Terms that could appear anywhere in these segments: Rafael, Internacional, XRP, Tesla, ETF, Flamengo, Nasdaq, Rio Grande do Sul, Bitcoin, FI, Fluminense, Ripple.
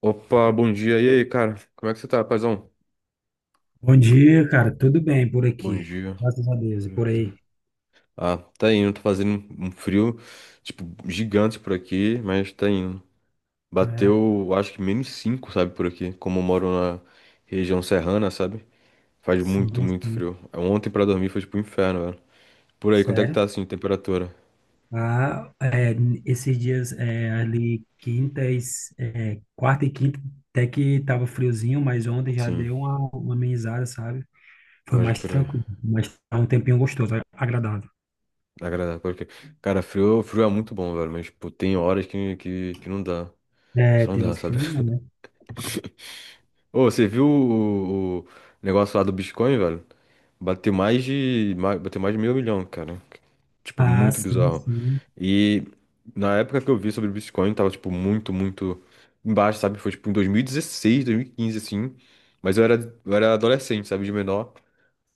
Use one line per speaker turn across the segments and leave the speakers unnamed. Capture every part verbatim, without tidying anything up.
Opa, bom dia. E aí, cara? Como é que você tá, paizão?
Bom dia, cara. Tudo bem por
Bom
aqui?
dia.
Graças a Deus. E
Pode
por
crer.
aí?
Ah, tá indo. Tá fazendo um frio, tipo, gigante por aqui, mas tá indo.
É,
Bateu, acho que menos cinco, sabe, por aqui. Como eu moro na região serrana, sabe? Faz muito,
sim,
muito
sim.
frio. Ontem pra dormir foi tipo um inferno, velho. Por aí, quanto é que tá,
Sério?
assim, temperatura?
Ah, é, esses dias é, ali, quintas, é, quarta e quinta, até que tava friozinho, mas ontem já
Sim,
deu uma, uma amenizada, sabe? Foi
pode
mais
crer.
tranquilo, mas tá um tempinho gostoso, agradável.
Agradável, pode crer. Cara, frio, frio é muito bom, velho, mas, tipo, tem horas que, que, que não dá.
É,
Só não
tem
dá,
horas que
sabe?
não dá, né?
Ô, você viu o, o negócio lá do Bitcoin, velho? Bateu mais de, mais, bateu mais de meio milhão, cara. Tipo,
Ah,
muito
sim,
bizarro.
sim,
E na época que eu vi sobre o Bitcoin, tava, tipo, muito, muito embaixo, sabe? Foi, tipo, em dois dois mil mil e dezesseis, dois mil e quinze, assim. Mas eu era, eu era adolescente, sabe? De menor.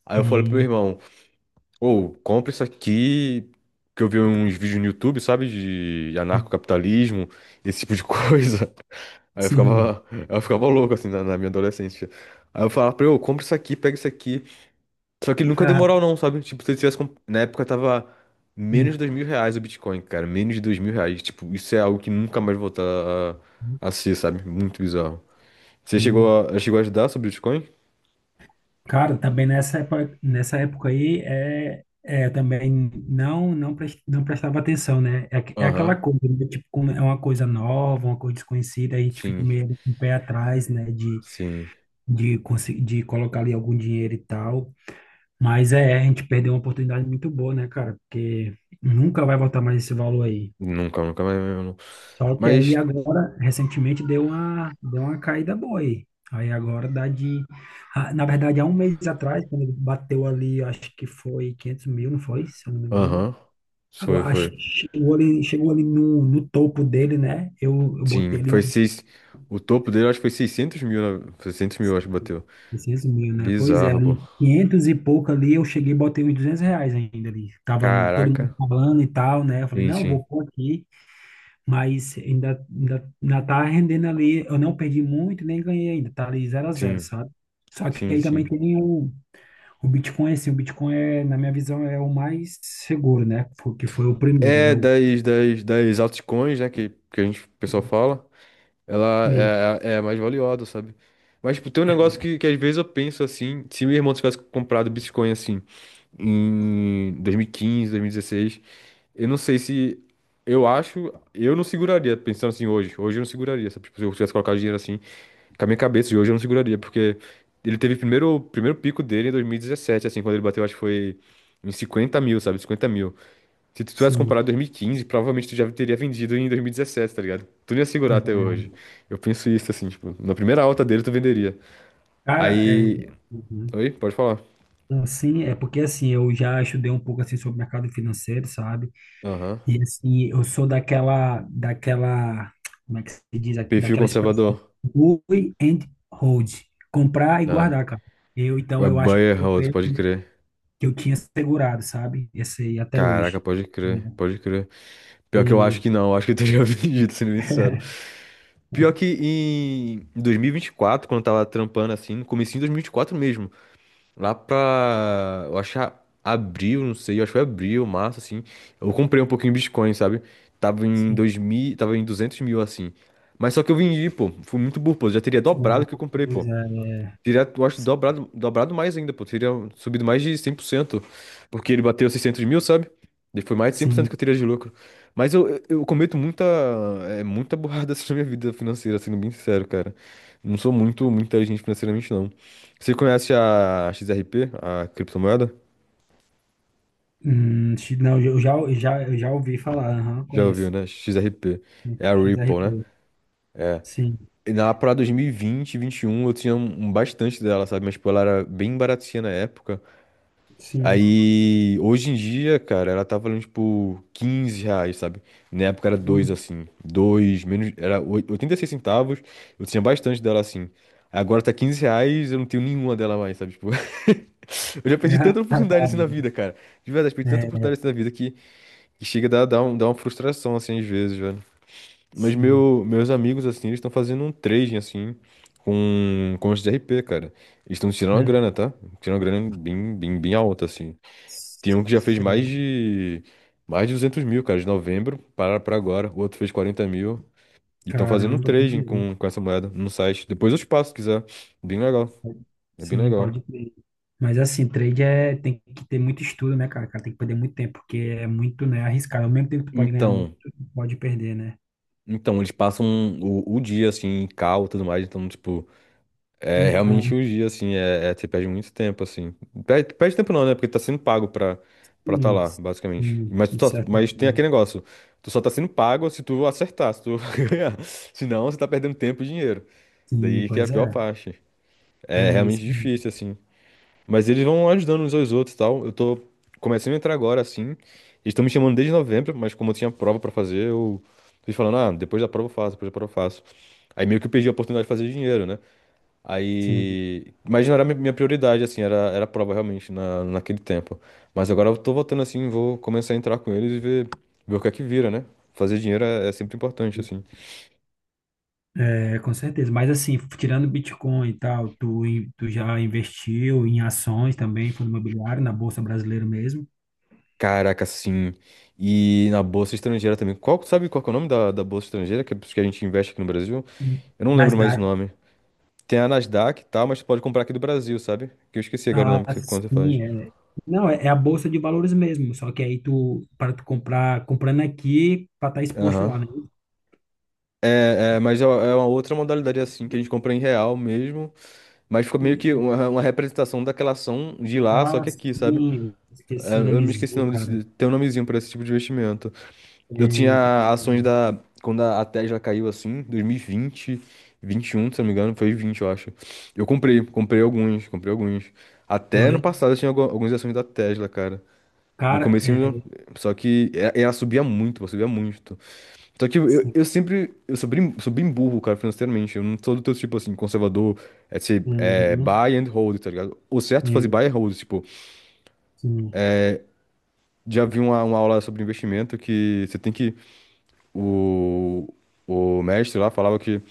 Aí eu falei pro meu
sim,
irmão, ou compra isso aqui, que eu vi uns vídeos no YouTube, sabe? De anarcocapitalismo, esse tipo de coisa. Aí eu
sim.
ficava, eu ficava louco, assim, na, na minha adolescência. Aí eu falava pra ele, ô, compra isso aqui, pega isso aqui. Só que ele nunca deu
Ah,
moral não, sabe? Tipo, se ele tivesse... comp- Na época tava menos de
sim,
dois mil reais o Bitcoin, cara. Menos de dois mil reais. Tipo, isso é algo que nunca mais voltar a, a ser, sabe? Muito bizarro. Você
sim.
chegou a, chegou a estudar sobre Bitcoin?
Cara, também nessa época, nessa época aí, é, é, eu também não não, pres- não prestava atenção, né? É, aqu- é aquela
Aham.
coisa, né? Tipo, como é uma coisa nova, uma coisa desconhecida, a gente fica
Sim,
meio com o pé atrás, né? De,
sim.
de, consi- de colocar ali algum dinheiro e tal. Mas é, a gente perdeu uma oportunidade muito boa, né, cara? Porque nunca vai voltar mais esse valor aí.
Nunca, nunca mais mesmo. Não.
Só que aí
Mas
agora, recentemente, deu uma, deu uma caída boa aí. Aí agora dá de. ah, Na verdade, há um mês atrás, quando ele bateu ali, acho que foi quinhentos mil, não foi? Se eu não me engano.
aham. Foi,
Agora, acho
foi.
que chegou ali, chegou ali no, no topo dele, né? Eu, eu botei
Sim,
ali
foi
uns
seis. O topo dele, eu acho que foi seiscentos mil, né? seiscentos mil, eu acho que bateu.
600 mil, né? Pois é,
Bizarro, pô.
ali quinhentos e pouco ali, eu cheguei e botei uns duzentos reais ainda ali. Tava todo mundo
Caraca.
falando e tal, né? Eu falei,
Sim,
não,
sim.
vou pôr aqui. Mas ainda, ainda, ainda tá rendendo ali. Eu não perdi muito, nem ganhei ainda. Tá ali zero a zero,
Sim,
sabe? Só que
sim,
aí também
sim.
tem o, o Bitcoin, assim, o Bitcoin é, na minha visão, é o mais seguro, né? Fo- Que foi o primeiro. É
É
o.
das, das, das altcoins, né? Que, que a gente, o pessoal fala. Ela
e-
é, é a mais valiosa, sabe? Mas, tipo, tem um
É, é,
negócio que, que às vezes eu penso assim. Se meu irmão tivesse comprado Bitcoin assim em dois mil e quinze, dois mil e dezesseis. Eu não sei se. Eu acho. Eu não seguraria, pensando assim hoje. Hoje eu não seguraria, sabe? Tipo, se eu tivesse colocado dinheiro assim, com a minha cabeça de hoje eu não seguraria, porque ele teve o primeiro, o primeiro pico dele em dois mil e dezessete, assim, quando ele bateu, acho que foi em cinquenta mil, sabe? cinquenta mil. Se tu tivesse comprado
sim.
em dois mil e quinze, provavelmente tu já teria vendido em dois mil e dezessete, tá ligado? Tu não ia segurar até hoje. Eu penso isso, assim, tipo, na primeira alta dele tu venderia.
Cara, é.
Aí.
Uhum.
Oi, pode falar.
Assim, é porque assim, eu já estudei um pouco assim sobre mercado financeiro, sabe?
Aham.
E assim, eu sou daquela, daquela, como é que se diz,
Perfil
daquela expressão,
conservador.
buy and hold, comprar e
Ah,
guardar, cara. Eu, então,
é
eu acho que
buyer
eu
hold,
creio
pode crer.
que eu tinha segurado, sabe? Esse aí até
Caraca,
hoje.
pode
Né?
crer, pode crer. Pior que eu acho
E,
que não, eu acho que eu teria vendido, sendo bem sincero. Pior que em dois mil e vinte e quatro, quando eu tava trampando assim, no comecinho de dois mil e vinte e quatro mesmo, lá pra, eu acho que a- abril, não sei, eu acho que foi abril, março, assim, eu comprei um pouquinho de Bitcoin, sabe? Tava em
sim,
dois mil, tava em duzentos mil, assim. Mas só que eu vendi, pô, fui muito burro, pô, já teria dobrado
ah,
o que eu comprei,
pois
pô.
é,
Teria, eu acho, dobrado, dobrado mais ainda, pô. Teria subido mais de cem por cento. Porque ele bateu seiscentos mil, sabe? E foi mais de cem por cento que
sim.
eu teria de lucro. Mas eu, eu eu cometo muita, é, muita burrada assim, na minha vida financeira, sendo bem sincero, cara. Não sou muito, muito inteligente financeiramente, não. Você conhece a X R P, a criptomoeda?
Hum, X- não, eu já, eu já, eu já ouvi falar, aham,
Já ouviu,
conheço.
né? X R P. É a Ripple, né?
X R P, sim,
E na para dois mil e vinte, dois mil e vinte e um, eu tinha um, um bastante dela, sabe? Mas, tipo, ela era bem baratinha na época.
sim.
Aí, hoje em dia, cara, ela tá valendo, tipo, quinze reais, sabe? Na época era dois
Hum.
assim. Dois menos. Era oi- oitenta e seis centavos. Eu tinha bastante dela assim. Agora tá quinze reais, eu não tenho nenhuma dela mais, sabe? Tipo. Eu já perdi
Ah,
tanta
tá
oportunidade assim na
bom.
vida, cara. De verdade, perdi tanta
É,
oportunidade assim na vida que, que chega a dar, dar, um- dar uma frustração, assim, às vezes, velho. Mas
sim,
meu, meus amigos, assim, eles estão fazendo um trading, assim, com, com os R P, cara. Eles estão tirando uma
né?
grana, tá? Tirando uma grana bem, bem, bem alta, assim. Tem um que já fez mais de mais de duzentos mil, cara, de novembro para para agora. O outro fez quarenta mil. E estão fazendo um
Caramba,
trading
entendi.
com, com essa moeda no site. Depois eu te passo, se quiser. Bem legal. É bem
Sim,
legal.
pode crer. Mas assim, trade é, tem que ter muito estudo, né, cara? Cara, tem que perder muito tempo, porque é muito, né, arriscado. Ao mesmo tempo que tu pode ganhar muito,
Então,
tu pode perder, né?
então eles passam o, o dia, assim, em cal e tudo mais. Então, tipo, é realmente
Então,
o dia, assim, é, é- você perde muito tempo, assim. Perde, perde tempo não, né? Porque tá sendo pago pra, pra tá
sim,
lá, basicamente.
sim,
Mas,
de
tu tá-
certa
mas tem
forma.
aquele negócio. Tu só tá sendo pago se tu acertar, se tu ganhar. Senão, você tá perdendo tempo e dinheiro.
Sim,
Daí que é a
pois
pior
é,
parte. É
tem
realmente
isso.
difícil, assim. Mas eles vão ajudando uns aos outros e tal. Eu tô começando a entrar agora, assim. Eles estão me chamando desde novembro, mas como eu tinha prova pra fazer, eu fui falando, ah, depois da prova eu faço, depois da prova eu faço. Aí meio que eu perdi a oportunidade de fazer dinheiro, né?
Sim,
Aí. Mas não era minha minha prioridade, assim, era, era a prova realmente na, naquele tempo. Mas agora eu tô voltando assim, vou começar a entrar com eles e ver, ver o que é que vira, né? Fazer dinheiro é, é sempre importante, assim.
é, com certeza. Mas assim, tirando Bitcoin e tal, tu, in- tu já investiu em ações também, fundo imobiliário, na Bolsa Brasileira mesmo?
Caraca, sim. E na bolsa estrangeira também. Qual, sabe qual que é o nome da, da bolsa estrangeira que, que a gente investe aqui no Brasil? Eu não lembro
Nas.
mais o nome. Tem a Nasdaq e tal, mas tu pode comprar aqui do Brasil, sabe? Que eu esqueci agora o nome
Ah,
que você, quando você faz.
sim, é. Não, é, é a bolsa de valores mesmo, só que aí tu, para tu comprar, comprando aqui, para estar exposto
Aham.
lá, né?
É, é, mas é é uma outra modalidade assim, que a gente compra em real mesmo, mas ficou meio que uma, uma representação daquela ação de lá, só
Ah,
que aqui, sabe?
sim,
É,
esqueci o
eu me esqueci o
nomezinho,
nome
cara.
desse, tem um nomezinho pra esse tipo de investimento.
É,
Eu tinha
então.
ações da. Quando a a Tesla caiu assim, dois mil e vinte, vinte e um, se eu não me engano, foi vinte, eu acho. Eu comprei, comprei alguns, comprei alguns. Até no
Foi.
passado eu tinha algu- algumas ações da Tesla, cara. No
Cara,
comecinho,
é,
só que e- ela subia muito, ela subia muito. Só que eu,
sim,
eu sempre, eu sou bem, sou bem burro, cara, financeiramente. Eu não sou do teu tipo, assim, conservador, é, ser, é
uhum,
buy and hold, tá ligado? O certo é fazer
é,
buy and hold, tipo,
sim,
já vi uma, uma aula sobre investimento que você tem que. O, o mestre lá falava que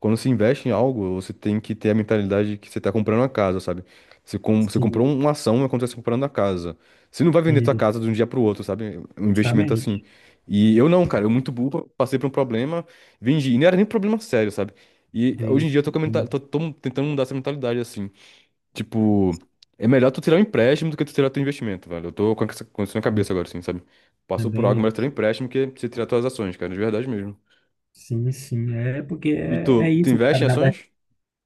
quando se investe em algo, você tem que ter a mentalidade de que você está comprando uma casa, sabe? Você, com, você comprou
sim,
um, uma ação, é quando você está comprando a casa. Você não vai vender tua
isso,
casa de um dia para o outro, sabe? É um investimento assim.
justamente.
E eu não, cara, eu muito burro, passei por um problema, vendi. E não era nem problema sério, sabe? E hoje em
Isso,
dia eu tô, com a menta-
sim,
tô, tô tentando mudar essa mentalidade, assim. Tipo, é melhor tu tirar um empréstimo do que tu tirar teu investimento, velho. Eu tô com essa com isso na
sim,
cabeça agora, assim, sabe? Passou por algo,
também,
melhor tirar um empréstimo que você tirar tuas ações, cara, de verdade mesmo.
sim, sim, é porque
E
é, é
tu, tu
isso,
investe
cara,
em
na.
ações?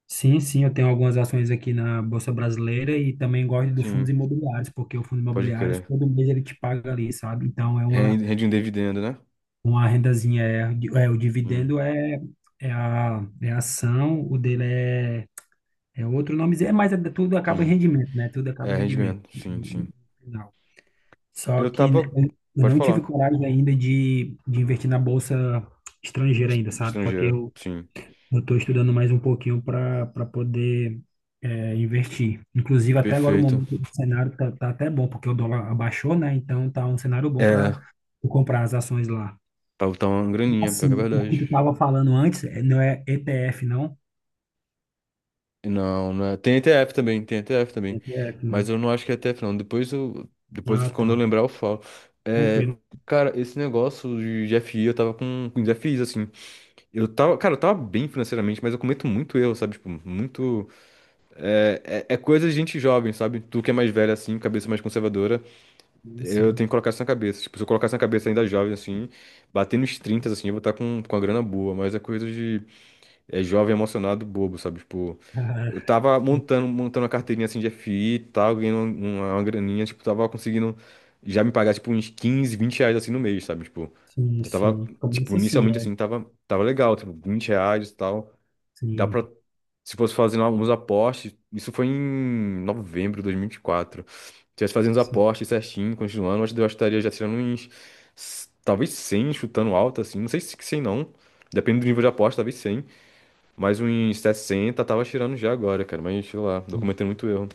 Sim, sim, eu tenho algumas ações aqui na Bolsa Brasileira e também gosto do fundos
Sim,
imobiliários, porque o fundo
pode
imobiliário,
crer.
todo mês ele te paga ali, sabe? Então é uma,
Rende, rende um dividendo, né?
uma rendazinha, é, di- é, o
Sim,
dividendo é, é, a, é a ação, o dele é, é outro nome, é, mas é, tudo acaba em
sim.
rendimento, né? Tudo acaba
É,
em rendimento
rendimento, sim,
no
sim.
final. Só
Eu
que
tava.
eu eu
Pode
não tive
falar.
coragem ainda de, de investir na Bolsa estrangeira
Est-
ainda, sabe? Porque
Estrangeira,
eu
sim.
eu estou estudando mais um pouquinho para para poder é, investir. Inclusive, até agora o
Perfeito.
momento do cenário tá, tá até bom, porque o dólar abaixou, né? Então tá um cenário bom
É,
para comprar as ações lá.
tá, tá uma graninha, pior que é
Assim, o que
verdade.
tu estava falando antes é- não é E T F, não?
Não, não é. Tem E T F também, tem E T F também.
E T F,
Mas
né?
eu não acho que é E T F, não. Depois eu. Depois,
Ah,
quando eu
tá.
lembrar, eu falo. É,
Tranquilo.
cara, esse negócio de de F I, eu tava com, com desafios, assim. Eu tava, cara, eu tava bem financeiramente, mas eu cometo muito erro, sabe? Tipo, muito. É, é, é coisa de gente jovem, sabe? Tu que é mais velha, assim, cabeça mais conservadora, eu
Sim.
tenho que colocar isso na cabeça. Tipo, se eu colocar isso na cabeça ainda jovem, assim, bater nos trinta, assim, eu vou estar com, com a grana boa, mas é coisa de. É jovem emocionado, bobo, sabe? Tipo. Eu
Ah,
tava montando, montando uma carteirinha assim de F I e tal, ganhando um, uma, uma graninha, tipo, tava conseguindo já me pagar, tipo, uns quinze vinte reais assim no mês, sabe? Tipo,
sim,
já tava,
sim.
tipo,
Começa assim,
inicialmente
é.
assim, tava, tava legal, tipo, vinte reais e tal. Dá pra,
Sim,
se fosse fazendo alguns aportes, isso foi em novembro de dois mil e vinte e quatro. Se tivesse fazendo os
sim.
aportes certinho, continuando, acho que eu estaria já tirando uns, s- talvez cem, chutando alto, assim, não sei se cem não, depende do nível de aposta, talvez cem. Mas um sessenta tava tirando já agora, cara. Mas sei lá, tô cometendo muito erro.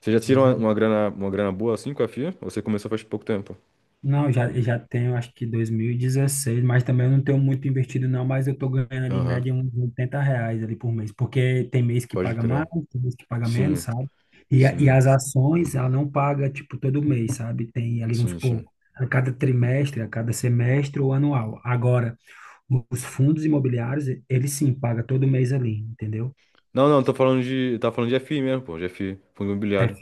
Você já tirou
Pois
uma,
é.
uma grana, uma grana boa assim com a fia? Ou você começou faz pouco tempo?
Não, já, já tenho, acho que dois mil e dezesseis, mas também eu não tenho muito investido não, mas eu tô ganhando ali em
Aham,
média uns oitenta reais ali por mês, porque tem mês que
pode
paga mais,
crer.
tem mês que paga menos,
Sim,
sabe? E, a- e
sim,
as ações, ela não paga, tipo, todo mês, sabe? Tem ali, vamos
sim,
supor,
sim.
a cada trimestre, a cada semestre ou anual. Agora, os fundos imobiliários, eles sim, paga todo mês ali, entendeu?
Não, não, tô falando de. Tá falando de F I mesmo, pô. De F I, fundo
É,
imobiliário.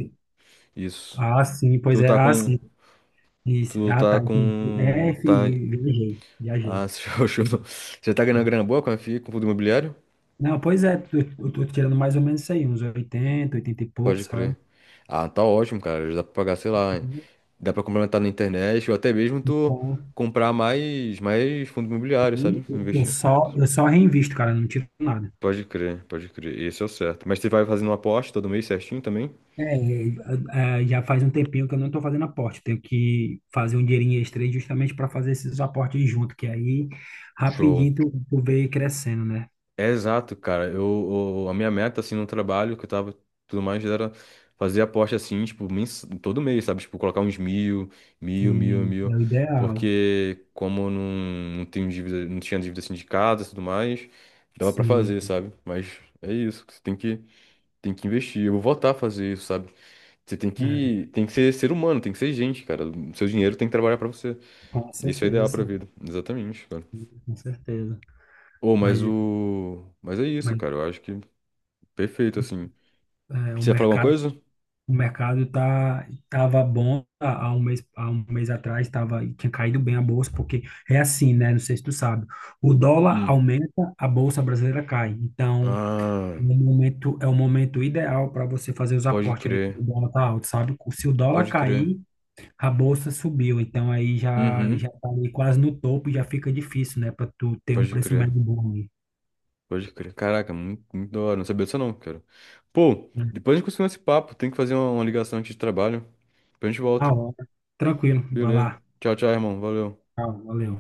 Isso.
ah, sim, pois
Tu
é,
tá
ah,
com.
sim, isso,
Tu
ah,
tá
tá, entendi. É,
com. Tá.
fi- viajei, viajei.
Ah, você já achou- você tá ganhando grana boa com a F I, com fundo imobiliário?
Não, pois é, eu eu tô tirando mais ou menos isso aí, uns oitenta oitenta e pouco,
Pode crer.
sabe?
Ah, tá ótimo, cara. Já dá pra pagar, sei lá. Dá pra complementar na internet ou até mesmo tu
Bom,
comprar mais, mais fundo imobiliário,
e
sabe?
eu eu
Investir.
só, eu só reinvisto, cara, não tiro nada.
Pode crer, pode crer. Esse é o certo. Mas você vai fazendo uma aposta todo mês certinho também?
É, é, é, já faz um tempinho que eu não estou fazendo aporte. Eu tenho que fazer um dinheirinho extra aí justamente para fazer esses aportes junto, que aí
Show.
rapidinho tu, tu vê crescendo, né?
É exato, cara. Eu, eu- a minha meta, assim, no trabalho que eu tava tudo mais era fazer aposta, assim, tipo, mens... todo mês, sabe? Tipo, colocar uns mil, mil, mil,
Sim, é
mil.
o ideal.
Porque como eu não, não tenho dívida, não tinha dívida sindicada e tudo mais, dava pra
Sim,
fazer, sabe? Mas é isso. Você tem que. Tem que investir. Eu vou voltar a fazer isso, sabe? Você tem
é,
que, tem que ser ser humano, tem que ser gente, cara. O seu dinheiro tem que trabalhar pra você.
com
Isso é ideal pra
certeza,
vida. Exatamente, cara.
com certeza.
Ô,
Mas,
mas o. Mas é isso,
mas
cara. Eu acho que perfeito, assim.
é, o
Você ia falar alguma
mercado
coisa?
O mercado tá tava bom há há um mês, há um mês atrás, tava, tinha caído bem a bolsa, porque é assim, né? Não sei se tu sabe. O dólar
Hum.
aumenta, a bolsa brasileira cai. Então,
Ah,
no momento, é o momento ideal para você fazer os
pode
aportes ali,
crer.
quando o dólar tá alto, sabe? Se o dólar
Pode crer.
cair, a bolsa subiu. Então, aí já,
Uhum.
já tá ali quase no topo, já fica difícil, né? Para tu ter um
Pode
preço
crer.
médio bom ali.
Pode crer. Caraca, muito, muito da hora. Não sabia disso, não, cara. Pô,
Né?
depois a gente continua esse papo. Tem que fazer uma, uma ligação aqui de trabalho. Depois a gente
Na
volta.
hora. Tranquilo, vai
Beleza.
lá.
Tchau, tchau, irmão. Valeu.
Tchau, valeu.